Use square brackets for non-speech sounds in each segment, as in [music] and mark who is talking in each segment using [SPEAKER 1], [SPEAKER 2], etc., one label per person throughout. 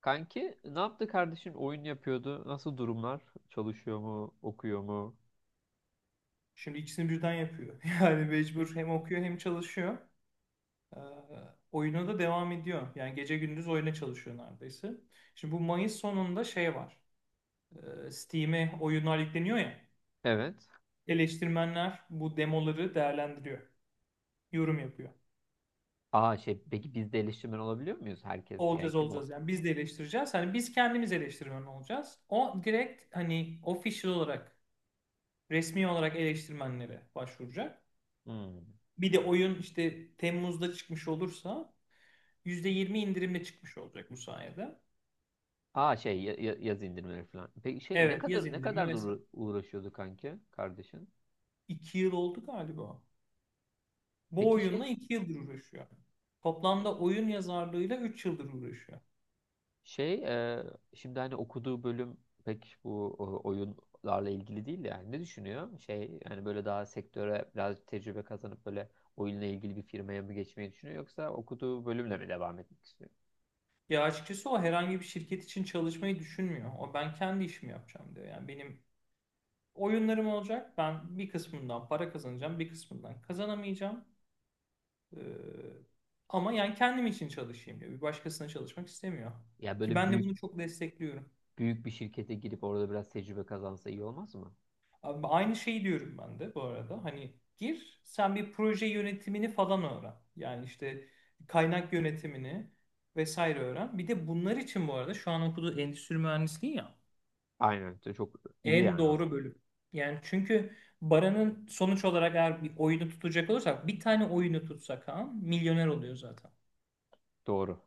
[SPEAKER 1] Kanki ne yaptı kardeşin? Oyun yapıyordu. Nasıl durumlar? Çalışıyor mu? Okuyor mu?
[SPEAKER 2] Şimdi ikisini birden yapıyor. [laughs] Yani mecbur hem okuyor hem çalışıyor. Ee, oyuna da devam ediyor. Yani gece gündüz oyuna çalışıyor neredeyse. Şimdi bu Mayıs sonunda şey var. Steam'e oyunlar yükleniyor ya.
[SPEAKER 1] Evet.
[SPEAKER 2] Eleştirmenler bu demoları değerlendiriyor. Yorum yapıyor.
[SPEAKER 1] Aa şey, peki biz de eleştirmen olabiliyor muyuz? Herkes yani,
[SPEAKER 2] Olacağız
[SPEAKER 1] kim o?
[SPEAKER 2] olacağız yani biz de eleştireceğiz. Hani biz kendimiz eleştirmen olacağız. O direkt hani official olarak resmi olarak eleştirmenlere başvuracak.
[SPEAKER 1] Hmm.
[SPEAKER 2] Bir de oyun işte Temmuz'da çıkmış olursa %20 indirimle çıkmış olacak bu sayede.
[SPEAKER 1] Aa şey, yazı indirmeleri falan. Peki şey, ne
[SPEAKER 2] Evet yaz
[SPEAKER 1] kadar
[SPEAKER 2] indirimi vesaire.
[SPEAKER 1] uğraşıyordu kanki kardeşin?
[SPEAKER 2] 2 yıl oldu galiba. Bu
[SPEAKER 1] Peki şey.
[SPEAKER 2] oyunla 2 yıldır uğraşıyor. Toplamda oyun yazarlığıyla 3 yıldır uğraşıyor.
[SPEAKER 1] Şey, şimdi hani okuduğu bölüm pek bu oyunlarla ilgili değil de, yani ne düşünüyor? Şey, yani böyle daha sektöre biraz tecrübe kazanıp böyle oyunla ilgili bir firmaya mı geçmeyi düşünüyor, yoksa okuduğu bölümle mi devam etmek istiyor?
[SPEAKER 2] Ya açıkçası o herhangi bir şirket için çalışmayı düşünmüyor. O ben kendi işimi yapacağım diyor. Yani benim oyunlarım olacak. Ben bir kısmından para kazanacağım, bir kısmından kazanamayacağım. Ee, ama yani kendim için çalışayım diyor. Bir başkasına çalışmak istemiyor.
[SPEAKER 1] Ya
[SPEAKER 2] Ki
[SPEAKER 1] böyle
[SPEAKER 2] ben de
[SPEAKER 1] büyük
[SPEAKER 2] bunu çok destekliyorum.
[SPEAKER 1] büyük bir şirkete girip orada biraz tecrübe kazansa iyi olmaz mı?
[SPEAKER 2] Abi aynı şeyi diyorum ben de bu arada. Hani gir sen bir proje yönetimini falan öğren. Yani işte kaynak yönetimini vesaire öğren. Bir de bunlar için bu arada şu an okuduğu endüstri mühendisliği ya
[SPEAKER 1] Aynen, çok iyi
[SPEAKER 2] en
[SPEAKER 1] yani
[SPEAKER 2] doğru
[SPEAKER 1] aslında.
[SPEAKER 2] bölüm. Yani çünkü Baran'ın sonuç olarak eğer bir oyunu tutacak olursak bir tane oyunu tutsak ha milyoner oluyor zaten.
[SPEAKER 1] Doğru.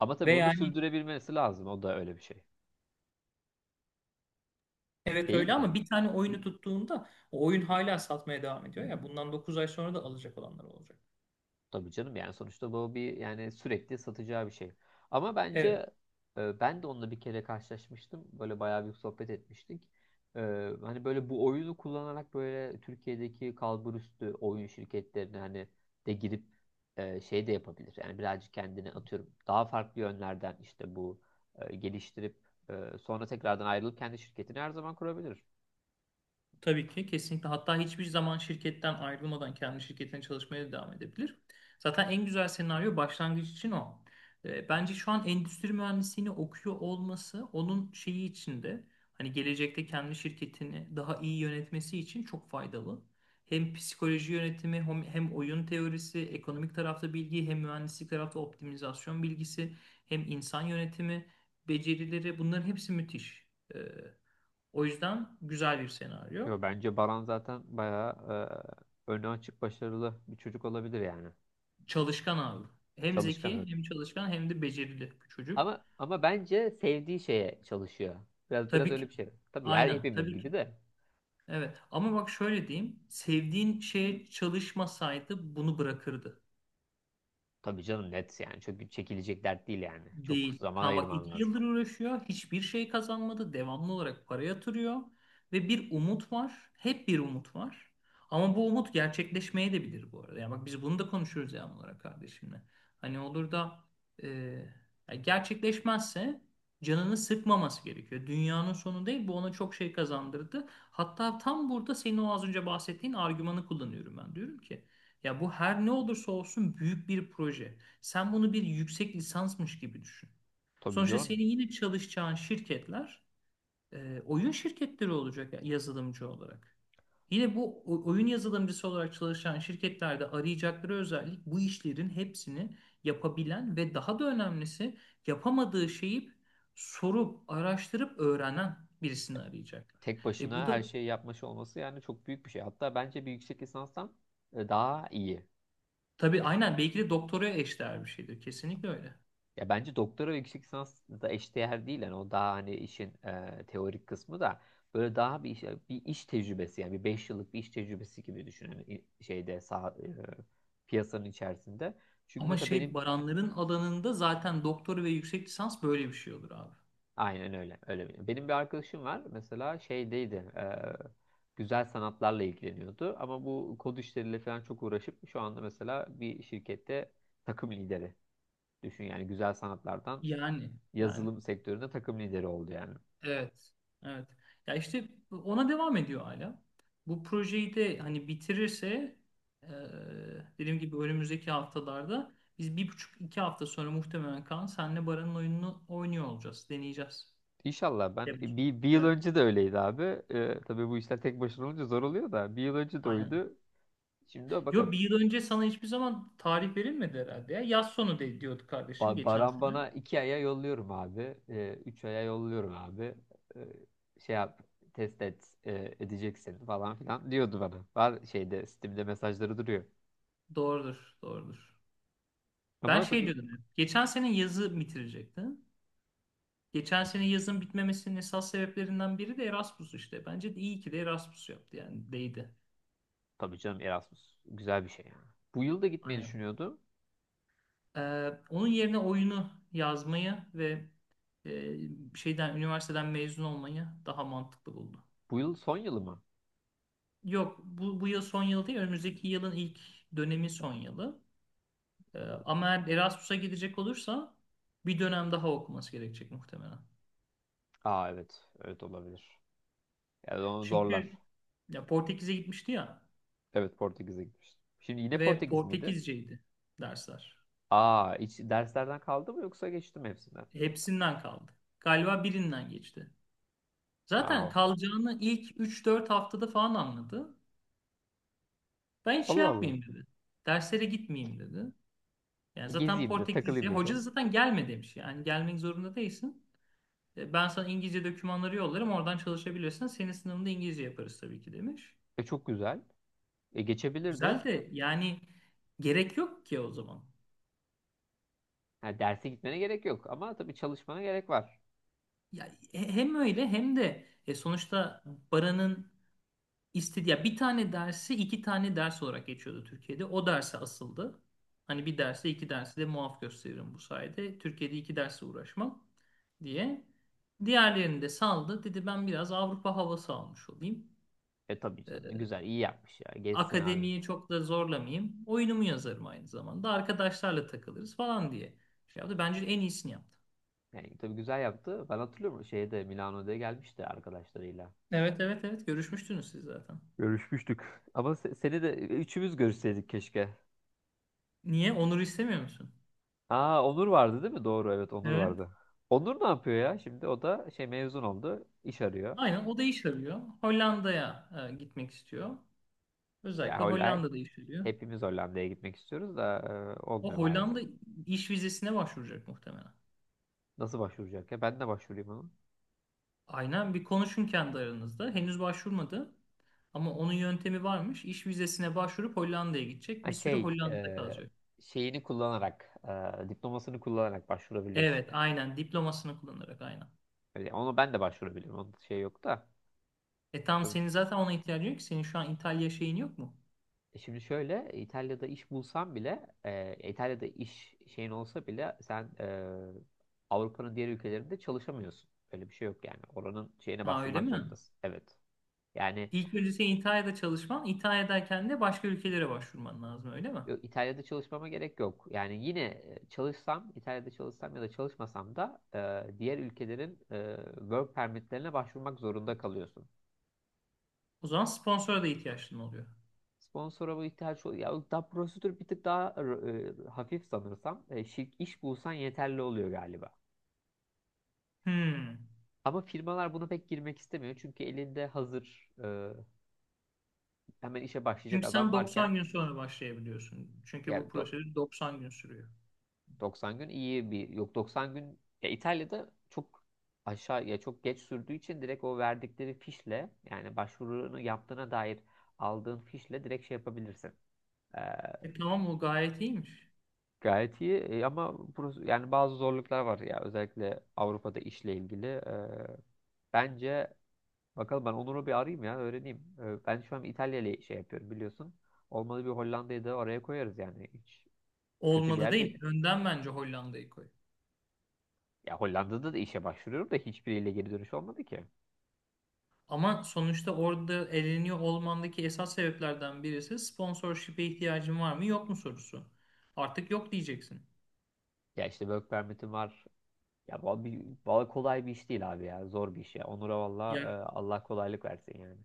[SPEAKER 1] Ama tabii
[SPEAKER 2] Ve
[SPEAKER 1] bunu da
[SPEAKER 2] yani
[SPEAKER 1] sürdürebilmesi lazım. O da öyle bir şey.
[SPEAKER 2] evet
[SPEAKER 1] Değil
[SPEAKER 2] öyle ama
[SPEAKER 1] mi?
[SPEAKER 2] bir tane oyunu tuttuğunda o oyun hala satmaya devam ediyor. Ya bundan 9 ay sonra da alacak olanlar olacak.
[SPEAKER 1] Tabii canım, yani sonuçta bu bir, yani sürekli satacağı bir şey. Ama
[SPEAKER 2] Evet.
[SPEAKER 1] bence, ben de onunla bir kere karşılaşmıştım. Böyle bayağı bir sohbet etmiştik. E, hani böyle bu oyunu kullanarak böyle Türkiye'deki kalburüstü oyun şirketlerine hani de girip, şey de yapabilir. Yani birazcık kendini atıyorum. Daha farklı yönlerden işte bu geliştirip, sonra tekrardan ayrılıp kendi şirketini her zaman kurabilir.
[SPEAKER 2] Tabii ki kesinlikle. Hatta hiçbir zaman şirketten ayrılmadan kendi şirketine çalışmaya devam edebilir. Zaten en güzel senaryo başlangıç için o. Bence şu an endüstri mühendisliğini okuyor olması onun şeyi içinde hani gelecekte kendi şirketini daha iyi yönetmesi için çok faydalı. Hem psikoloji yönetimi hem oyun teorisi, ekonomik tarafta bilgi, hem mühendislik tarafta optimizasyon bilgisi, hem insan yönetimi becerileri bunların hepsi müthiş. E, o yüzden güzel bir senaryo.
[SPEAKER 1] Yo, bence Baran zaten bayağı, önü açık, başarılı bir çocuk olabilir yani.
[SPEAKER 2] Çalışkan abi. Hem
[SPEAKER 1] Çalışkan.
[SPEAKER 2] zeki hem çalışkan hem de becerili bir çocuk.
[SPEAKER 1] Ama bence sevdiği şeye çalışıyor. Biraz
[SPEAKER 2] Tabii
[SPEAKER 1] öyle
[SPEAKER 2] ki.
[SPEAKER 1] bir şey. Tabii her
[SPEAKER 2] Aynen
[SPEAKER 1] hepimiz
[SPEAKER 2] tabii
[SPEAKER 1] gibi
[SPEAKER 2] ki.
[SPEAKER 1] de.
[SPEAKER 2] Evet ama bak şöyle diyeyim. Sevdiğin şeye çalışmasaydı bunu bırakırdı.
[SPEAKER 1] Tabii canım, net yani. Çok çekilecek dert değil yani. Çok
[SPEAKER 2] Değil.
[SPEAKER 1] zaman
[SPEAKER 2] Kaan bak
[SPEAKER 1] ayırman
[SPEAKER 2] iki
[SPEAKER 1] lazım.
[SPEAKER 2] yıldır uğraşıyor. Hiçbir şey kazanmadı. Devamlı olarak para yatırıyor. Ve bir umut var. Hep bir umut var. Ama bu umut gerçekleşmeye de bilir bu arada. Yani bak biz bunu da konuşuruz devamlı olarak kardeşimle. Hani olur da e, ya gerçekleşmezse canını sıkmaması gerekiyor. Dünyanın sonu değil. Bu ona çok şey kazandırdı. Hatta tam burada senin o az önce bahsettiğin argümanı kullanıyorum ben. Diyorum ki ya bu her ne olursa olsun büyük bir proje. Sen bunu bir yüksek lisansmış gibi düşün.
[SPEAKER 1] Tabii
[SPEAKER 2] Sonuçta
[SPEAKER 1] canım.
[SPEAKER 2] senin yine çalışacağın şirketler oyun şirketleri olacak yazılımcı olarak. Yine bu oyun yazılımcısı olarak çalışan şirketlerde arayacakları özellik bu işlerin hepsini yapabilen ve daha da önemlisi yapamadığı şeyi sorup, araştırıp öğrenen birisini arayacaklar.
[SPEAKER 1] Tek
[SPEAKER 2] Bu
[SPEAKER 1] başına
[SPEAKER 2] da
[SPEAKER 1] her şeyi yapmış olması yani çok büyük bir şey. Hatta bence bir yüksek lisanstan, daha iyi.
[SPEAKER 2] tabii aynen belki de doktoraya eşdeğer bir şeydir. Kesinlikle öyle.
[SPEAKER 1] Ya bence doktora ve yüksek lisans da eşdeğer değil. Yani o daha hani işin, teorik kısmı da böyle daha bir iş, tecrübesi, yani bir 5 yıllık bir iş tecrübesi gibi düşün. Hani şeyde sağ, piyasanın içerisinde. Çünkü
[SPEAKER 2] Ama
[SPEAKER 1] mesela benim.
[SPEAKER 2] şey Baranların alanında zaten doktor ve yüksek lisans böyle bir şey olur abi.
[SPEAKER 1] Aynen öyle. Öyle. Benim bir arkadaşım var. Mesela şeydeydi. Güzel sanatlarla ilgileniyordu. Ama bu kod işleriyle falan çok uğraşıp şu anda mesela bir şirkette takım lideri. Düşün yani, güzel sanatlardan
[SPEAKER 2] Yani yani
[SPEAKER 1] yazılım sektöründe takım lideri oldu yani.
[SPEAKER 2] evet evet. Ya işte ona devam ediyor hala. Bu projeyi de hani bitirirse e, dediğim gibi önümüzdeki haftalarda biz bir buçuk iki hafta sonra muhtemelen Kaan senle Baran'ın oyununu oynuyor olacağız. Deneyeceğiz.
[SPEAKER 1] İnşallah. Ben
[SPEAKER 2] Evet.
[SPEAKER 1] bir yıl
[SPEAKER 2] Evet.
[SPEAKER 1] önce de öyleydi abi. Tabii bu işler tek başına olunca zor oluyor da, bir yıl önce de
[SPEAKER 2] Aynen.
[SPEAKER 1] oydu. Şimdi de bakalım.
[SPEAKER 2] Yo bir yıl önce sana hiçbir zaman tarih verilmedi herhalde ya. Yaz sonu de, diyordu kardeşim geçen
[SPEAKER 1] Baran
[SPEAKER 2] sene.
[SPEAKER 1] bana 2 aya yolluyorum abi. 3 aya yolluyorum abi. Ee, Şey yap, test et, edeceksin falan filan diyordu bana. Var şeyde Steam'de mesajları duruyor.
[SPEAKER 2] Doğrudur. Doğrudur. Ben
[SPEAKER 1] Ama
[SPEAKER 2] şey
[SPEAKER 1] tabii.
[SPEAKER 2] diyordum. Geçen sene yazı bitirecekti. Geçen sene
[SPEAKER 1] Gerçekten.
[SPEAKER 2] yazın bitmemesinin esas sebeplerinden biri de Erasmus işte. Bence de iyi ki de Erasmus yaptı yani değdi.
[SPEAKER 1] Tabii canım, Erasmus güzel bir şey yani. Bu yıl da gitmeyi
[SPEAKER 2] Aynen.
[SPEAKER 1] düşünüyordum.
[SPEAKER 2] Onun yerine oyunu yazmayı ve e, şeyden üniversiteden mezun olmayı daha mantıklı buldu.
[SPEAKER 1] Bu yıl son yılı mı?
[SPEAKER 2] Yok bu yıl son yıl değil önümüzdeki yılın ilk dönemi son yılı. Ee, ama eğer Erasmus'a gidecek olursa bir dönem daha okuması gerekecek muhtemelen.
[SPEAKER 1] Aa evet. Evet olabilir. Yani onu zorlar.
[SPEAKER 2] Çünkü ya Portekiz'e gitmişti ya
[SPEAKER 1] Evet, Portekiz'e gitmiştim. Şimdi yine
[SPEAKER 2] ve
[SPEAKER 1] Portekiz miydi?
[SPEAKER 2] Portekizceydi dersler.
[SPEAKER 1] Aa, hiç derslerden kaldı mı, yoksa geçtim hepsinden?
[SPEAKER 2] Hepsinden kaldı. Galiba birinden geçti. Zaten
[SPEAKER 1] Aa.
[SPEAKER 2] kalacağını ilk üç dört haftada falan anladı. Ben hiç şey
[SPEAKER 1] Allah Allah.
[SPEAKER 2] yapmayayım dedi. Derslere gitmeyeyim dedi. Yani zaten
[SPEAKER 1] Gezeyim de
[SPEAKER 2] Portekizce.
[SPEAKER 1] takılayım
[SPEAKER 2] Hoca
[SPEAKER 1] dedi.
[SPEAKER 2] da zaten gelme demiş. Yani gelmek zorunda değilsin. Ben sana İngilizce dokümanları yollarım. Oradan çalışabilirsin. Senin sınavında İngilizce yaparız tabii ki demiş.
[SPEAKER 1] E, çok güzel. E, geçebilirdi.
[SPEAKER 2] Güzel de yani gerek yok ki o zaman.
[SPEAKER 1] Ha, derse gitmene gerek yok, ama tabii çalışmana gerek var.
[SPEAKER 2] Ya, hem öyle hem de sonuçta Baran'ın İstedi ya bir tane dersi iki tane ders olarak geçiyordu Türkiye'de. O derse asıldı. Hani bir derse iki dersi de muaf gösteririm bu sayede. Türkiye'de iki derse uğraşmam diye. Diğerlerini de saldı. Dedi ben biraz Avrupa havası almış olayım.
[SPEAKER 1] E, tabii
[SPEAKER 2] Ee,
[SPEAKER 1] canım, güzel, iyi yapmış ya. Geçsin abi.
[SPEAKER 2] akademiyi çok da zorlamayayım. Oyunumu yazarım aynı zamanda. Arkadaşlarla takılırız falan diye şey yaptı. Bence en iyisini yaptı.
[SPEAKER 1] Yani tabii güzel yaptı. Ben hatırlıyorum, şeyde Milano'da gelmişti arkadaşlarıyla.
[SPEAKER 2] Evet evet evet görüşmüştünüz siz zaten.
[SPEAKER 1] Görüşmüştük. Ama seni de, üçümüz görüşseydik keşke.
[SPEAKER 2] Niye? Onur'u istemiyor musun?
[SPEAKER 1] Aa, Onur vardı değil mi? Doğru, evet, Onur
[SPEAKER 2] Evet.
[SPEAKER 1] vardı. Onur ne yapıyor ya? Şimdi o da şey, mezun oldu. İş arıyor.
[SPEAKER 2] Aynen o da iş arıyor. Hollanda'ya gitmek istiyor.
[SPEAKER 1] Ya
[SPEAKER 2] Özellikle
[SPEAKER 1] Hollanda,
[SPEAKER 2] Hollanda'da iş arıyor.
[SPEAKER 1] hepimiz Hollanda'ya gitmek istiyoruz da,
[SPEAKER 2] O
[SPEAKER 1] olmuyor
[SPEAKER 2] Hollanda
[SPEAKER 1] maalesef.
[SPEAKER 2] iş vizesine başvuracak muhtemelen.
[SPEAKER 1] Nasıl başvuracak ya? Ben de başvurayım onu.
[SPEAKER 2] Aynen bir konuşun kendi aranızda. Henüz başvurmadı ama onun yöntemi varmış. İş vizesine başvurup Hollanda'ya gidecek.
[SPEAKER 1] Ha,
[SPEAKER 2] Bir süre
[SPEAKER 1] şey,
[SPEAKER 2] Hollanda'da kalacak.
[SPEAKER 1] şeyini kullanarak, diplomasını kullanarak başvurabiliyorsun.
[SPEAKER 2] Evet, aynen diplomasını kullanarak aynen.
[SPEAKER 1] Öyle, ona ben de başvurabilirim. Onun şey yok da.
[SPEAKER 2] Tam
[SPEAKER 1] E,
[SPEAKER 2] senin zaten ona ihtiyacın yok ki. Senin şu an İtalya şeyin yok mu?
[SPEAKER 1] Şimdi şöyle, İtalya'da iş bulsan bile, İtalya'da iş şeyin olsa bile, sen, Avrupa'nın diğer ülkelerinde çalışamıyorsun. Öyle bir şey yok yani. Oranın şeyine
[SPEAKER 2] Ha öyle
[SPEAKER 1] başvurmak
[SPEAKER 2] mi?
[SPEAKER 1] zorundasın. Evet. Yani
[SPEAKER 2] İlk önce senin İtalya'da çalışman, İtalya'dayken de başka ülkelere başvurman lazım öyle mi?
[SPEAKER 1] İtalya'da çalışmama gerek yok. Yani yine, çalışsam, İtalya'da çalışsam ya da çalışmasam da, diğer ülkelerin, work permitlerine başvurmak zorunda kalıyorsun.
[SPEAKER 2] O zaman sponsora da ihtiyaçın oluyor.
[SPEAKER 1] Sponsora bu ihtiyaç oluyor. Ya da prosedür bir tık daha, hafif sanırsam. Şirk iş bulsan yeterli oluyor galiba.
[SPEAKER 2] Hmm.
[SPEAKER 1] Ama firmalar buna pek girmek istemiyor. Çünkü elinde hazır, hemen işe başlayacak
[SPEAKER 2] Çünkü
[SPEAKER 1] adam
[SPEAKER 2] sen
[SPEAKER 1] varken,
[SPEAKER 2] 90 gün sonra başlayabiliyorsun. Çünkü bu
[SPEAKER 1] yani do-
[SPEAKER 2] prosedür 90 gün sürüyor.
[SPEAKER 1] 90 gün iyi, bir, yok, 90 gün ya. İtalya'da çok aşağı ya, çok geç sürdüğü için direkt o verdikleri fişle, yani başvurunu yaptığına dair aldığın fişle direkt şey yapabilirsin.
[SPEAKER 2] Tamam o gayet iyiymiş.
[SPEAKER 1] Gayet iyi. Ama burası, yani bazı zorluklar var ya, özellikle Avrupa'da işle ilgili. Bence bakalım, ben Onur'u bir arayayım ya, öğreneyim. Ben şu an İtalya ile şey yapıyorum biliyorsun. Olmadı bir Hollanda'yı da oraya koyarız, yani hiç kötü bir
[SPEAKER 2] Olmadı
[SPEAKER 1] yer değil.
[SPEAKER 2] değil. Önden bence Hollanda'yı koy.
[SPEAKER 1] Ya Hollanda'da da işe başvuruyorum da, hiçbiriyle geri dönüş olmadı ki.
[SPEAKER 2] Ama sonuçta orada eleniyor olmandaki esas sebeplerden birisi sponsorship'e ihtiyacın var mı yok mu sorusu. Artık yok diyeceksin.
[SPEAKER 1] Ya işte work permit'im var. Ya bu kolay bir iş değil abi ya, zor bir iş ya. Onur'a valla,
[SPEAKER 2] Ya
[SPEAKER 1] Allah kolaylık versin yani.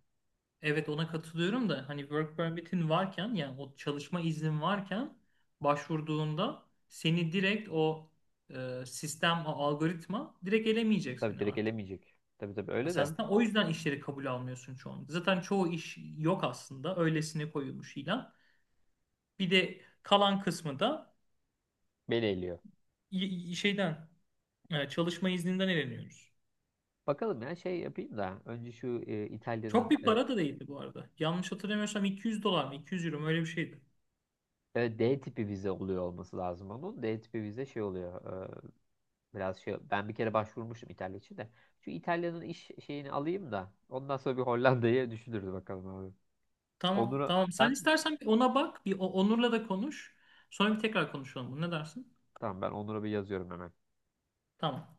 [SPEAKER 2] evet ona katılıyorum da hani work permit'in varken yani o çalışma iznin varken başvurduğunda seni direkt o sistem, o algoritma direkt elemeyecek
[SPEAKER 1] Tabii
[SPEAKER 2] seni
[SPEAKER 1] direkt
[SPEAKER 2] artık.
[SPEAKER 1] elemeyecek. Tabii tabii,
[SPEAKER 2] Ya
[SPEAKER 1] öyle
[SPEAKER 2] sen
[SPEAKER 1] de
[SPEAKER 2] zaten o yüzden işleri kabul almıyorsun çoğunlukla. Zaten çoğu iş yok aslında. Öylesine koyulmuş ilan. Bir de kalan kısmı da
[SPEAKER 1] beni eliyor.
[SPEAKER 2] şeyden çalışma izninden eleniyoruz.
[SPEAKER 1] Bakalım ya, şey yapayım da önce şu,
[SPEAKER 2] Çok
[SPEAKER 1] İtalya'nın,
[SPEAKER 2] bir para da değildi bu arada. Yanlış hatırlamıyorsam 200 dolar mı 200 euro mu öyle bir şeydi.
[SPEAKER 1] D tipi vize oluyor olması lazım onun. D tipi vize şey oluyor. e, Biraz şey, ben bir kere başvurmuştum İtalya için de. Şu İtalya'nın iş şeyini alayım da ondan sonra bir Hollanda'yı düşünürüz bakalım abi.
[SPEAKER 2] Tamam
[SPEAKER 1] Onur'a
[SPEAKER 2] tamam. Sen
[SPEAKER 1] ben
[SPEAKER 2] istersen bir ona bak. Bir Onur'la da konuş. Sonra bir tekrar konuşalım. Ne dersin?
[SPEAKER 1] Tamam, ben Onur'a bir yazıyorum hemen.
[SPEAKER 2] Tamam.